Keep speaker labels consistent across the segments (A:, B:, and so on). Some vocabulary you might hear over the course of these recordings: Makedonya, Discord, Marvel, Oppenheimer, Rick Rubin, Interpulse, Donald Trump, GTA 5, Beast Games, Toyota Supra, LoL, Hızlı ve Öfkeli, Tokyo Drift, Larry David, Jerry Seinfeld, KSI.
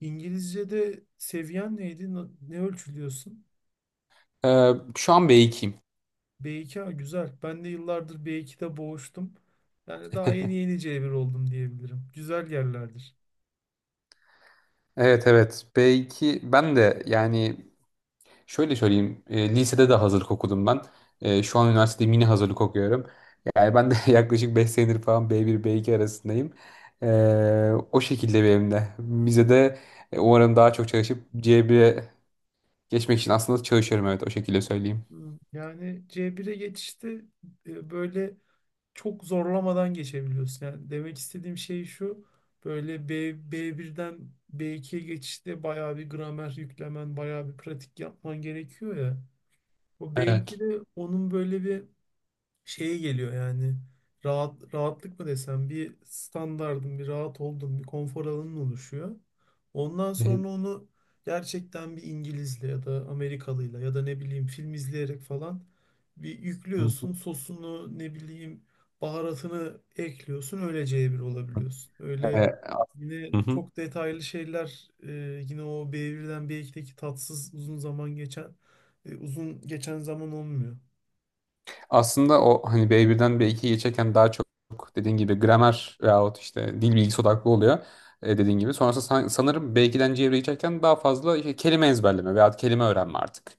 A: İngilizce'de seviyen neydi? Ne ölçülüyorsun?
B: Şu an B2'yim.
A: B2 ha, güzel. Ben de yıllardır B2'de boğuştum. Yani daha yeni yeni C1 oldum diyebilirim. Güzel yerlerdir.
B: Evet evet, B2 ben de, yani şöyle söyleyeyim, lisede de hazırlık okudum ben. Şu an üniversitede mini hazırlık okuyorum. Yani ben de yaklaşık 5 senedir falan B1 B2 arasındayım. O şekilde benim de. Bize de umarım daha çok çalışıp C1'e geçmek için aslında çalışıyorum, evet, o şekilde söyleyeyim.
A: Hmm. Yani C1'e geçişte böyle çok zorlamadan geçebiliyorsun. Yani demek istediğim şey şu. Böyle B1'den B2'ye geçişte bayağı bir gramer yüklemen, bayağı bir pratik yapman gerekiyor ya. O
B: Evet.
A: B2'de onun böyle bir şeye geliyor yani rahatlık mı desem, bir standardın, bir rahat olduğun bir konfor alanın oluşuyor. Ondan
B: Ee,
A: sonra onu gerçekten bir İngilizle ya da Amerikalıyla ya da ne bileyim film izleyerek falan bir
B: hı
A: yüklüyorsun
B: hı.
A: sosunu, ne bileyim baharatını ekliyorsun, öylece bir olabiliyorsun. Öyle
B: Ee, hı
A: yine
B: hı.
A: çok detaylı şeyler yine o B1'den B2'deki tatsız uzun zaman geçen, uzun geçen zaman olmuyor.
B: Aslında o, hani B1'den B2'ye geçerken daha çok dediğin gibi gramer veyahut işte dil bilgisi odaklı oluyor, dediğin gibi. Sonrasında sanırım B2'den C'ye geçerken daha fazla işte kelime ezberleme veyahut kelime öğrenme artık.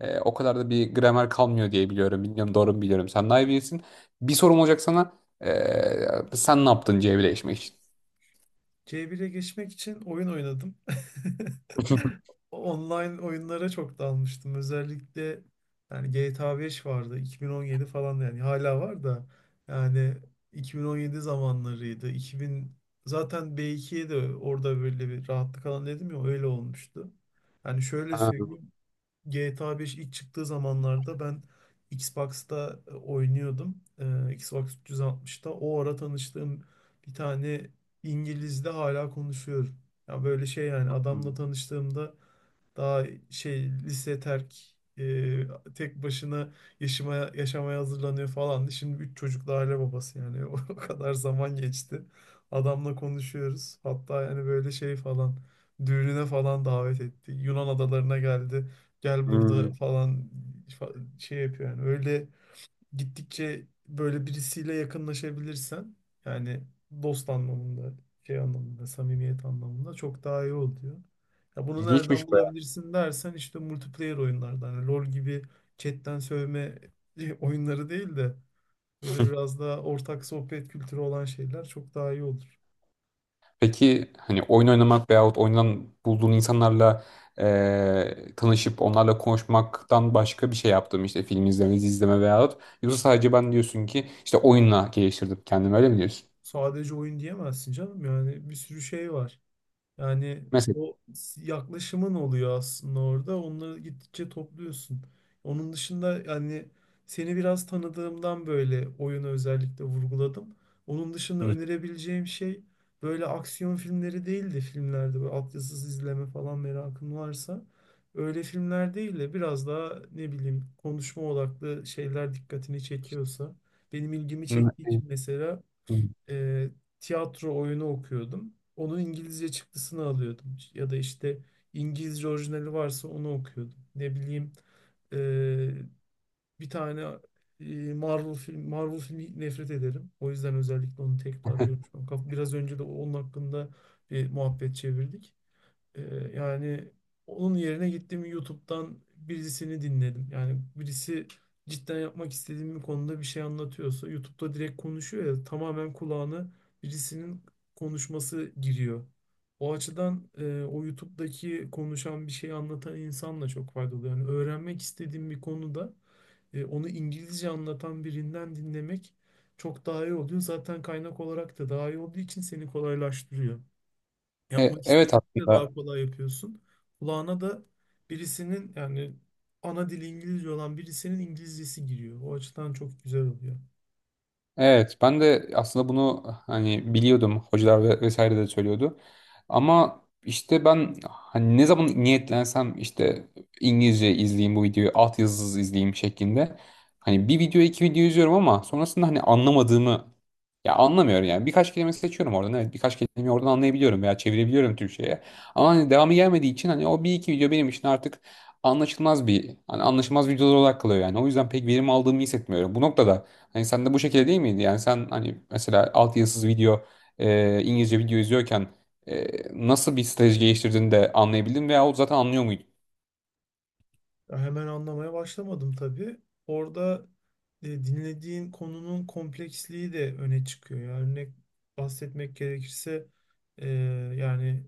B: O kadar da bir gramer kalmıyor diye biliyorum. Bilmiyorum, doğru mu biliyorum. Sen daha iyi bilirsin. Bir sorum olacak sana. E, sen ne yaptın C1'e geçmek için?
A: C1'e geçmek için oyun oynadım. Online oyunlara çok dalmıştım. Özellikle yani GTA 5 vardı. 2017 falan, yani hala var da, yani 2017 zamanlarıydı. 2000 zaten B2'ye de orada böyle bir rahatlık alan dedim ya, öyle olmuştu. Yani şöyle
B: Ha,
A: söyleyeyim. GTA 5 ilk çıktığı zamanlarda ben Xbox'ta oynuyordum. Xbox 360'ta. O ara tanıştığım bir tane İngiliz'de hala konuşuyorum. Ya böyle şey, yani adamla tanıştığımda daha şey lise terk, tek başına yaşamaya hazırlanıyor falan. Şimdi 3 çocuklu aile babası yani o kadar zaman geçti. Adamla konuşuyoruz. Hatta yani böyle şey falan düğününe falan davet etti. Yunan adalarına geldi. Gel burada
B: hmm,
A: falan şey yapıyor yani, öyle gittikçe böyle birisiyle yakınlaşabilirsen yani dost anlamında, şey anlamında, samimiyet anlamında çok daha iyi oluyor. Ya bunu
B: ilginçmiş.
A: nereden bulabilirsin dersen, işte multiplayer oyunlardan, hani LoL gibi chatten sövme oyunları değil de böyle biraz daha ortak sohbet kültürü olan şeyler çok daha iyi olur.
B: Peki, hani oyun oynamak veyahut oyundan bulduğun insanlarla tanışıp onlarla konuşmaktan başka bir şey yaptım işte, film izleme, dizi izleme, veyahut yoksa sadece, ben diyorsun ki, işte oyunla geliştirdim kendimi, öyle mi diyorsun?
A: Sadece oyun diyemezsin canım, yani bir sürü şey var. Yani
B: Mesela.
A: yaklaşımın oluyor aslında orada. Onları gittikçe topluyorsun. Onun dışında yani seni biraz tanıdığımdan böyle oyunu özellikle vurguladım. Onun dışında
B: Hı.
A: önerebileceğim şey böyle aksiyon filmleri değil de, filmlerde böyle altyazısız izleme falan merakın varsa, öyle filmler değil de biraz daha ne bileyim konuşma odaklı şeyler dikkatini çekiyorsa, benim ilgimi çektiği için mesela
B: Hı.
A: e, tiyatro oyunu okuyordum. Onun İngilizce çıktısını alıyordum. Ya da işte İngilizce orijinali varsa onu okuyordum. Ne bileyim, e, bir tane Marvel filmi nefret ederim. O yüzden özellikle onu tekrarlıyorum, tekrar görmüşüm. Biraz önce de onun hakkında bir muhabbet çevirdik. Yani onun yerine gittim YouTube'dan birisini dinledim. Yani birisi cidden yapmak istediğim bir konuda bir şey anlatıyorsa, YouTube'da direkt konuşuyor ya, tamamen kulağına birisinin konuşması giriyor. O açıdan o YouTube'daki konuşan bir şey anlatan insanla çok faydalı. Yani öğrenmek istediğim bir konuda onu İngilizce anlatan birinden dinlemek çok daha iyi oluyor. Zaten kaynak olarak da daha iyi olduğu için seni kolaylaştırıyor.
B: E,
A: Yapmak
B: evet
A: istediğinde
B: aslında.
A: daha kolay yapıyorsun. Kulağına da birisinin, yani ana dili İngilizce olan birisinin İngilizcesi giriyor. O açıdan çok güzel oluyor.
B: Evet, ben de aslında bunu hani biliyordum. Hocalar ve vesaire de söylüyordu. Ama işte ben, hani ne zaman niyetlensem, işte İngilizce izleyeyim bu videoyu, altyazısız izleyeyim şeklinde. Hani bir video iki video izliyorum ama sonrasında hani anlamadığımı, ya anlamıyorum yani. Birkaç kelime seçiyorum oradan. Evet, birkaç kelimeyi oradan anlayabiliyorum veya çevirebiliyorum Türkçe'ye. Ama hani devamı gelmediği için, hani o bir iki video benim için artık anlaşılmaz bir, hani anlaşılmaz videolar olarak kalıyor yani. O yüzden pek verim aldığımı hissetmiyorum. Bu noktada hani sen de bu şekilde değil miydi? Yani sen hani mesela altyazısız video, İngilizce video izliyorken, e, nasıl bir strateji geliştirdiğini de anlayabildin veya o zaten anlıyor muydun?
A: Ya hemen anlamaya başlamadım tabii. Orada dinlediğin konunun kompleksliği de öne çıkıyor. Yani örnek bahsetmek gerekirse, e, yani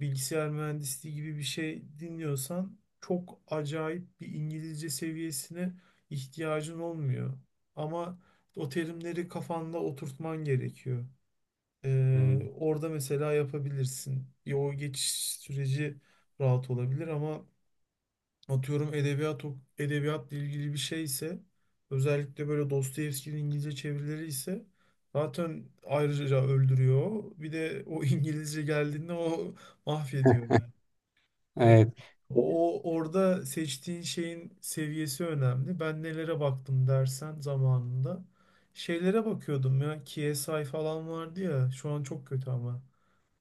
A: bilgisayar mühendisliği gibi bir şey dinliyorsan çok acayip bir İngilizce seviyesine ihtiyacın olmuyor. Ama o terimleri kafanda oturtman gerekiyor.
B: Hmm.
A: Orada mesela yapabilirsin. Ya o geçiş süreci rahat olabilir ama atıyorum edebiyat edebiyatla ilgili bir şey ise, özellikle böyle Dostoyevski'nin İngilizce çevirileri ise, zaten ayrıca öldürüyor. Bir de o İngilizce geldiğinde o mahvediyor yani. E,
B: Evet.
A: o orada seçtiğin şeyin seviyesi önemli. Ben nelere baktım dersen zamanında. Şeylere bakıyordum ya. KSI falan vardı ya. Şu an çok kötü ama.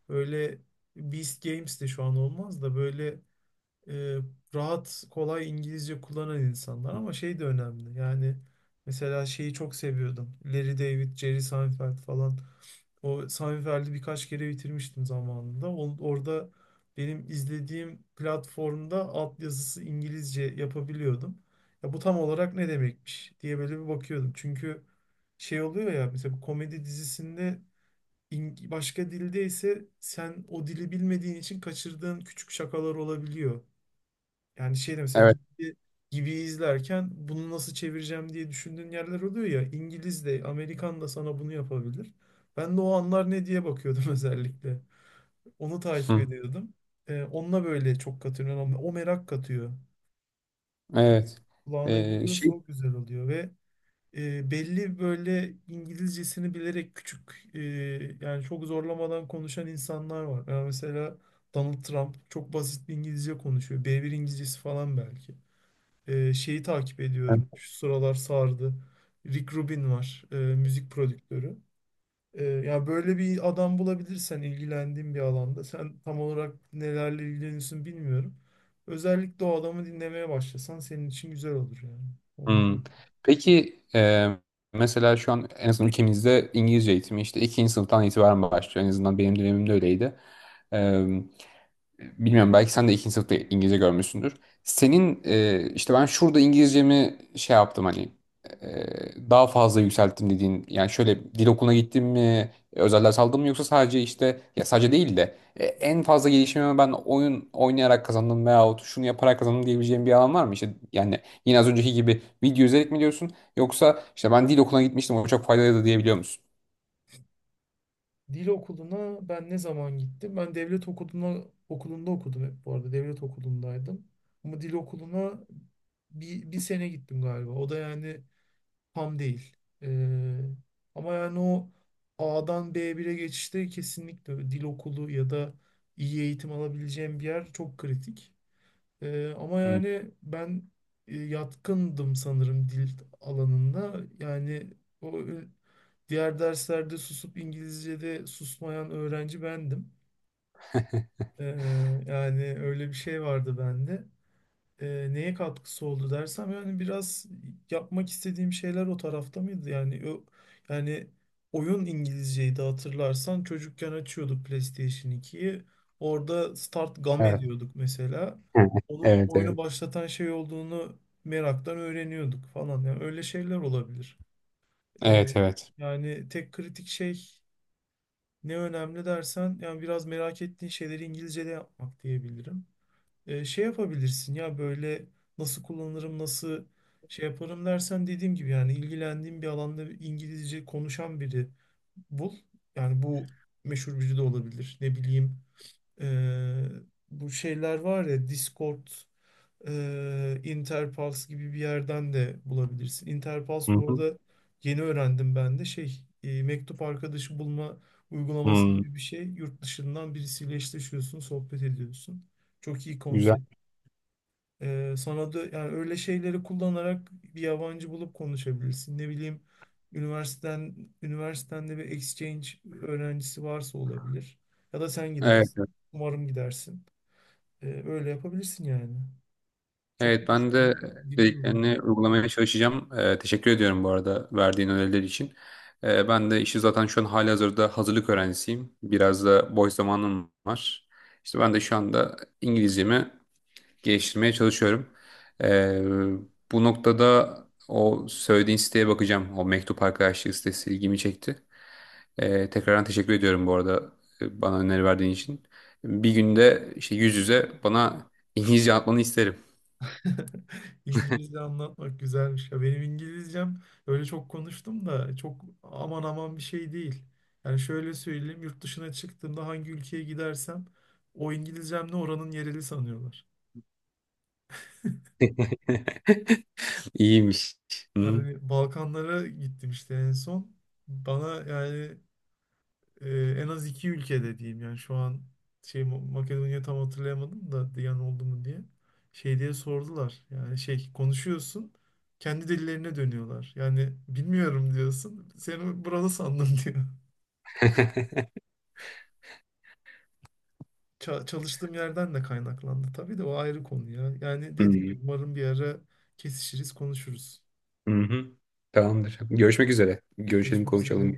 A: Böyle Beast Games de şu an olmaz da, böyle e, rahat, kolay İngilizce kullanan insanlar, ama şey de önemli. Yani mesela şeyi çok seviyordum. Larry David, Jerry Seinfeld falan. O Sami birkaç kere bitirmiştim zamanında. Orada benim izlediğim platformda altyazısı İngilizce yapabiliyordum. Ya bu tam olarak ne demekmiş diye böyle bir bakıyordum. Çünkü şey oluyor ya, mesela bu komedi dizisinde başka dilde ise sen o dili bilmediğin için kaçırdığın küçük şakalar olabiliyor. Yani şey de mesela
B: Evet.
A: gibi, gibi izlerken bunu nasıl çevireceğim diye düşündüğün yerler oluyor ya. İngiliz de Amerikan da sana bunu yapabilir. Ben de o anlar ne diye bakıyordum özellikle. Onu takip
B: Hı.
A: ediyordum. Onunla böyle çok katılıyorum. O merak katıyor.
B: Evet.
A: Kulağına
B: E,
A: gidiyorsa
B: şey.
A: o güzel oluyor ve belli böyle İngilizcesini bilerek küçük, e, yani çok zorlamadan konuşan insanlar var. Yani mesela Donald Trump çok basit bir İngilizce konuşuyor. B1 İngilizcesi falan belki. Şeyi takip ediyorum. Şu sıralar sardı. Rick Rubin var. Müzik prodüktörü. Yani böyle bir adam bulabilirsen ilgilendiğin bir alanda. Sen tam olarak nelerle ilgileniyorsun bilmiyorum. Özellikle o adamı dinlemeye başlasan senin için güzel olur yani. Onu da-
B: Hmm. Peki, mesela şu an en azından ülkemizde İngilizce eğitimi işte ikinci sınıftan itibaren başlıyor. En azından benim dönemimde öyleydi. Bilmiyorum, belki sen de ikinci sınıfta İngilizce görmüşsündür. Senin, işte ben şurada İngilizcemi şey yaptım, hani daha fazla yükselttim dediğin, yani şöyle dil okuluna gittim mi, özel ders aldım mı, yoksa sadece işte, ya sadece değil de, en fazla gelişimimi ben oyun oynayarak kazandım veyahut şunu yaparak kazandım diyebileceğim bir alan var mı? İşte yani, yine az önceki gibi video izleyerek mi diyorsun, yoksa işte ben dil okuluna gitmiştim, o çok faydalıydı diyebiliyor musun?
A: Dil okuluna ben ne zaman gittim? Ben devlet okuluna okulunda okudum hep bu arada. Devlet okulundaydım. Ama dil okuluna 1 sene gittim galiba. O da yani tam değil. Ee, ama yani o A'dan bire geçişte kesinlikle dil okulu ya da iyi eğitim alabileceğim bir yer çok kritik. Ama
B: Hı.
A: yani ben yatkındım sanırım dil alanında. Yani o diğer derslerde susup İngilizce'de susmayan öğrenci bendim. Ee, yani öyle bir şey vardı bende, neye katkısı oldu dersem yani biraz yapmak istediğim şeyler o tarafta mıydı? Yani o yani oyun İngilizceydi hatırlarsan, çocukken açıyorduk PlayStation 2'yi. Orada Start Game
B: Evet.
A: diyorduk mesela. Onun
B: Evet,
A: oyunu
B: evet.
A: başlatan şey olduğunu meraktan öğreniyorduk falan. Yani öyle şeyler olabilir. E,
B: Evet, evet.
A: yani tek kritik şey ne önemli dersen, yani biraz merak ettiğin şeyleri İngilizce'de yapmak diyebilirim. Şey yapabilirsin ya, böyle nasıl kullanırım, nasıl şey yaparım dersen, dediğim gibi, yani ilgilendiğin bir alanda İngilizce konuşan biri bul. Yani bu meşhur biri de olabilir. Ne bileyim, e, bu şeyler var ya Discord, Interpulse gibi bir yerden de bulabilirsin. Interpulse
B: Hı
A: bu
B: hı.
A: arada yeni öğrendim ben de, şey, mektup arkadaşı bulma uygulaması
B: Hı.
A: gibi bir şey. Yurt dışından birisiyle eşleşiyorsun, sohbet ediyorsun. Çok iyi
B: Güzel.
A: konsept. Sana da yani öyle şeyleri kullanarak bir yabancı bulup konuşabilirsin. Ne bileyim üniversiteden üniversitende bir exchange öğrencisi varsa olabilir. Ya da sen
B: Evet.
A: gidersin. Umarım gidersin. Öyle yapabilirsin yani. Çok
B: Evet, ben
A: konuştum
B: de
A: ya, dilim yoruldu.
B: dediklerini uygulamaya çalışacağım. Teşekkür ediyorum bu arada, verdiğin öneriler için. Ben de işi zaten şu an halihazırda hazırlık öğrencisiyim. Biraz da boş zamanım var. İşte ben de şu anda İngilizcemi geliştirmeye çalışıyorum. Ee, bu noktada, o söylediğin siteye bakacağım. O mektup arkadaşlığı sitesi ilgimi çekti. Tekrardan teşekkür ediyorum bu arada, bana öneri verdiğin için. Bir günde işte yüz yüze bana İngilizce atmanı isterim.
A: İngilizce anlatmak güzelmiş. Ya benim İngilizcem öyle, çok konuştum da çok aman aman bir şey değil. Yani şöyle söyleyeyim, yurt dışına çıktığımda hangi ülkeye gidersem o İngilizcemle oranın yereli sanıyorlar.
B: İyiymiş. Hı.
A: Yani Balkanlara gittim işte en son. Bana yani e, en az iki ülkede diyeyim yani şu an, şey, Makedonya tam hatırlayamadım da, Diyan oldu mu diye. Şey diye sordular. Yani şey konuşuyorsun, kendi dillerine dönüyorlar. Yani bilmiyorum diyorsun. Seni burada sandım diyor. Çalıştığım yerden de kaynaklandı. Tabii de o ayrı konu ya. Yani dediğim
B: Hı.
A: gibi, umarım bir ara kesişiriz, konuşuruz.
B: Hı hı. Tamamdır. Görüşmek üzere. Görüşelim,
A: Görüşmek üzere.
B: konuşalım.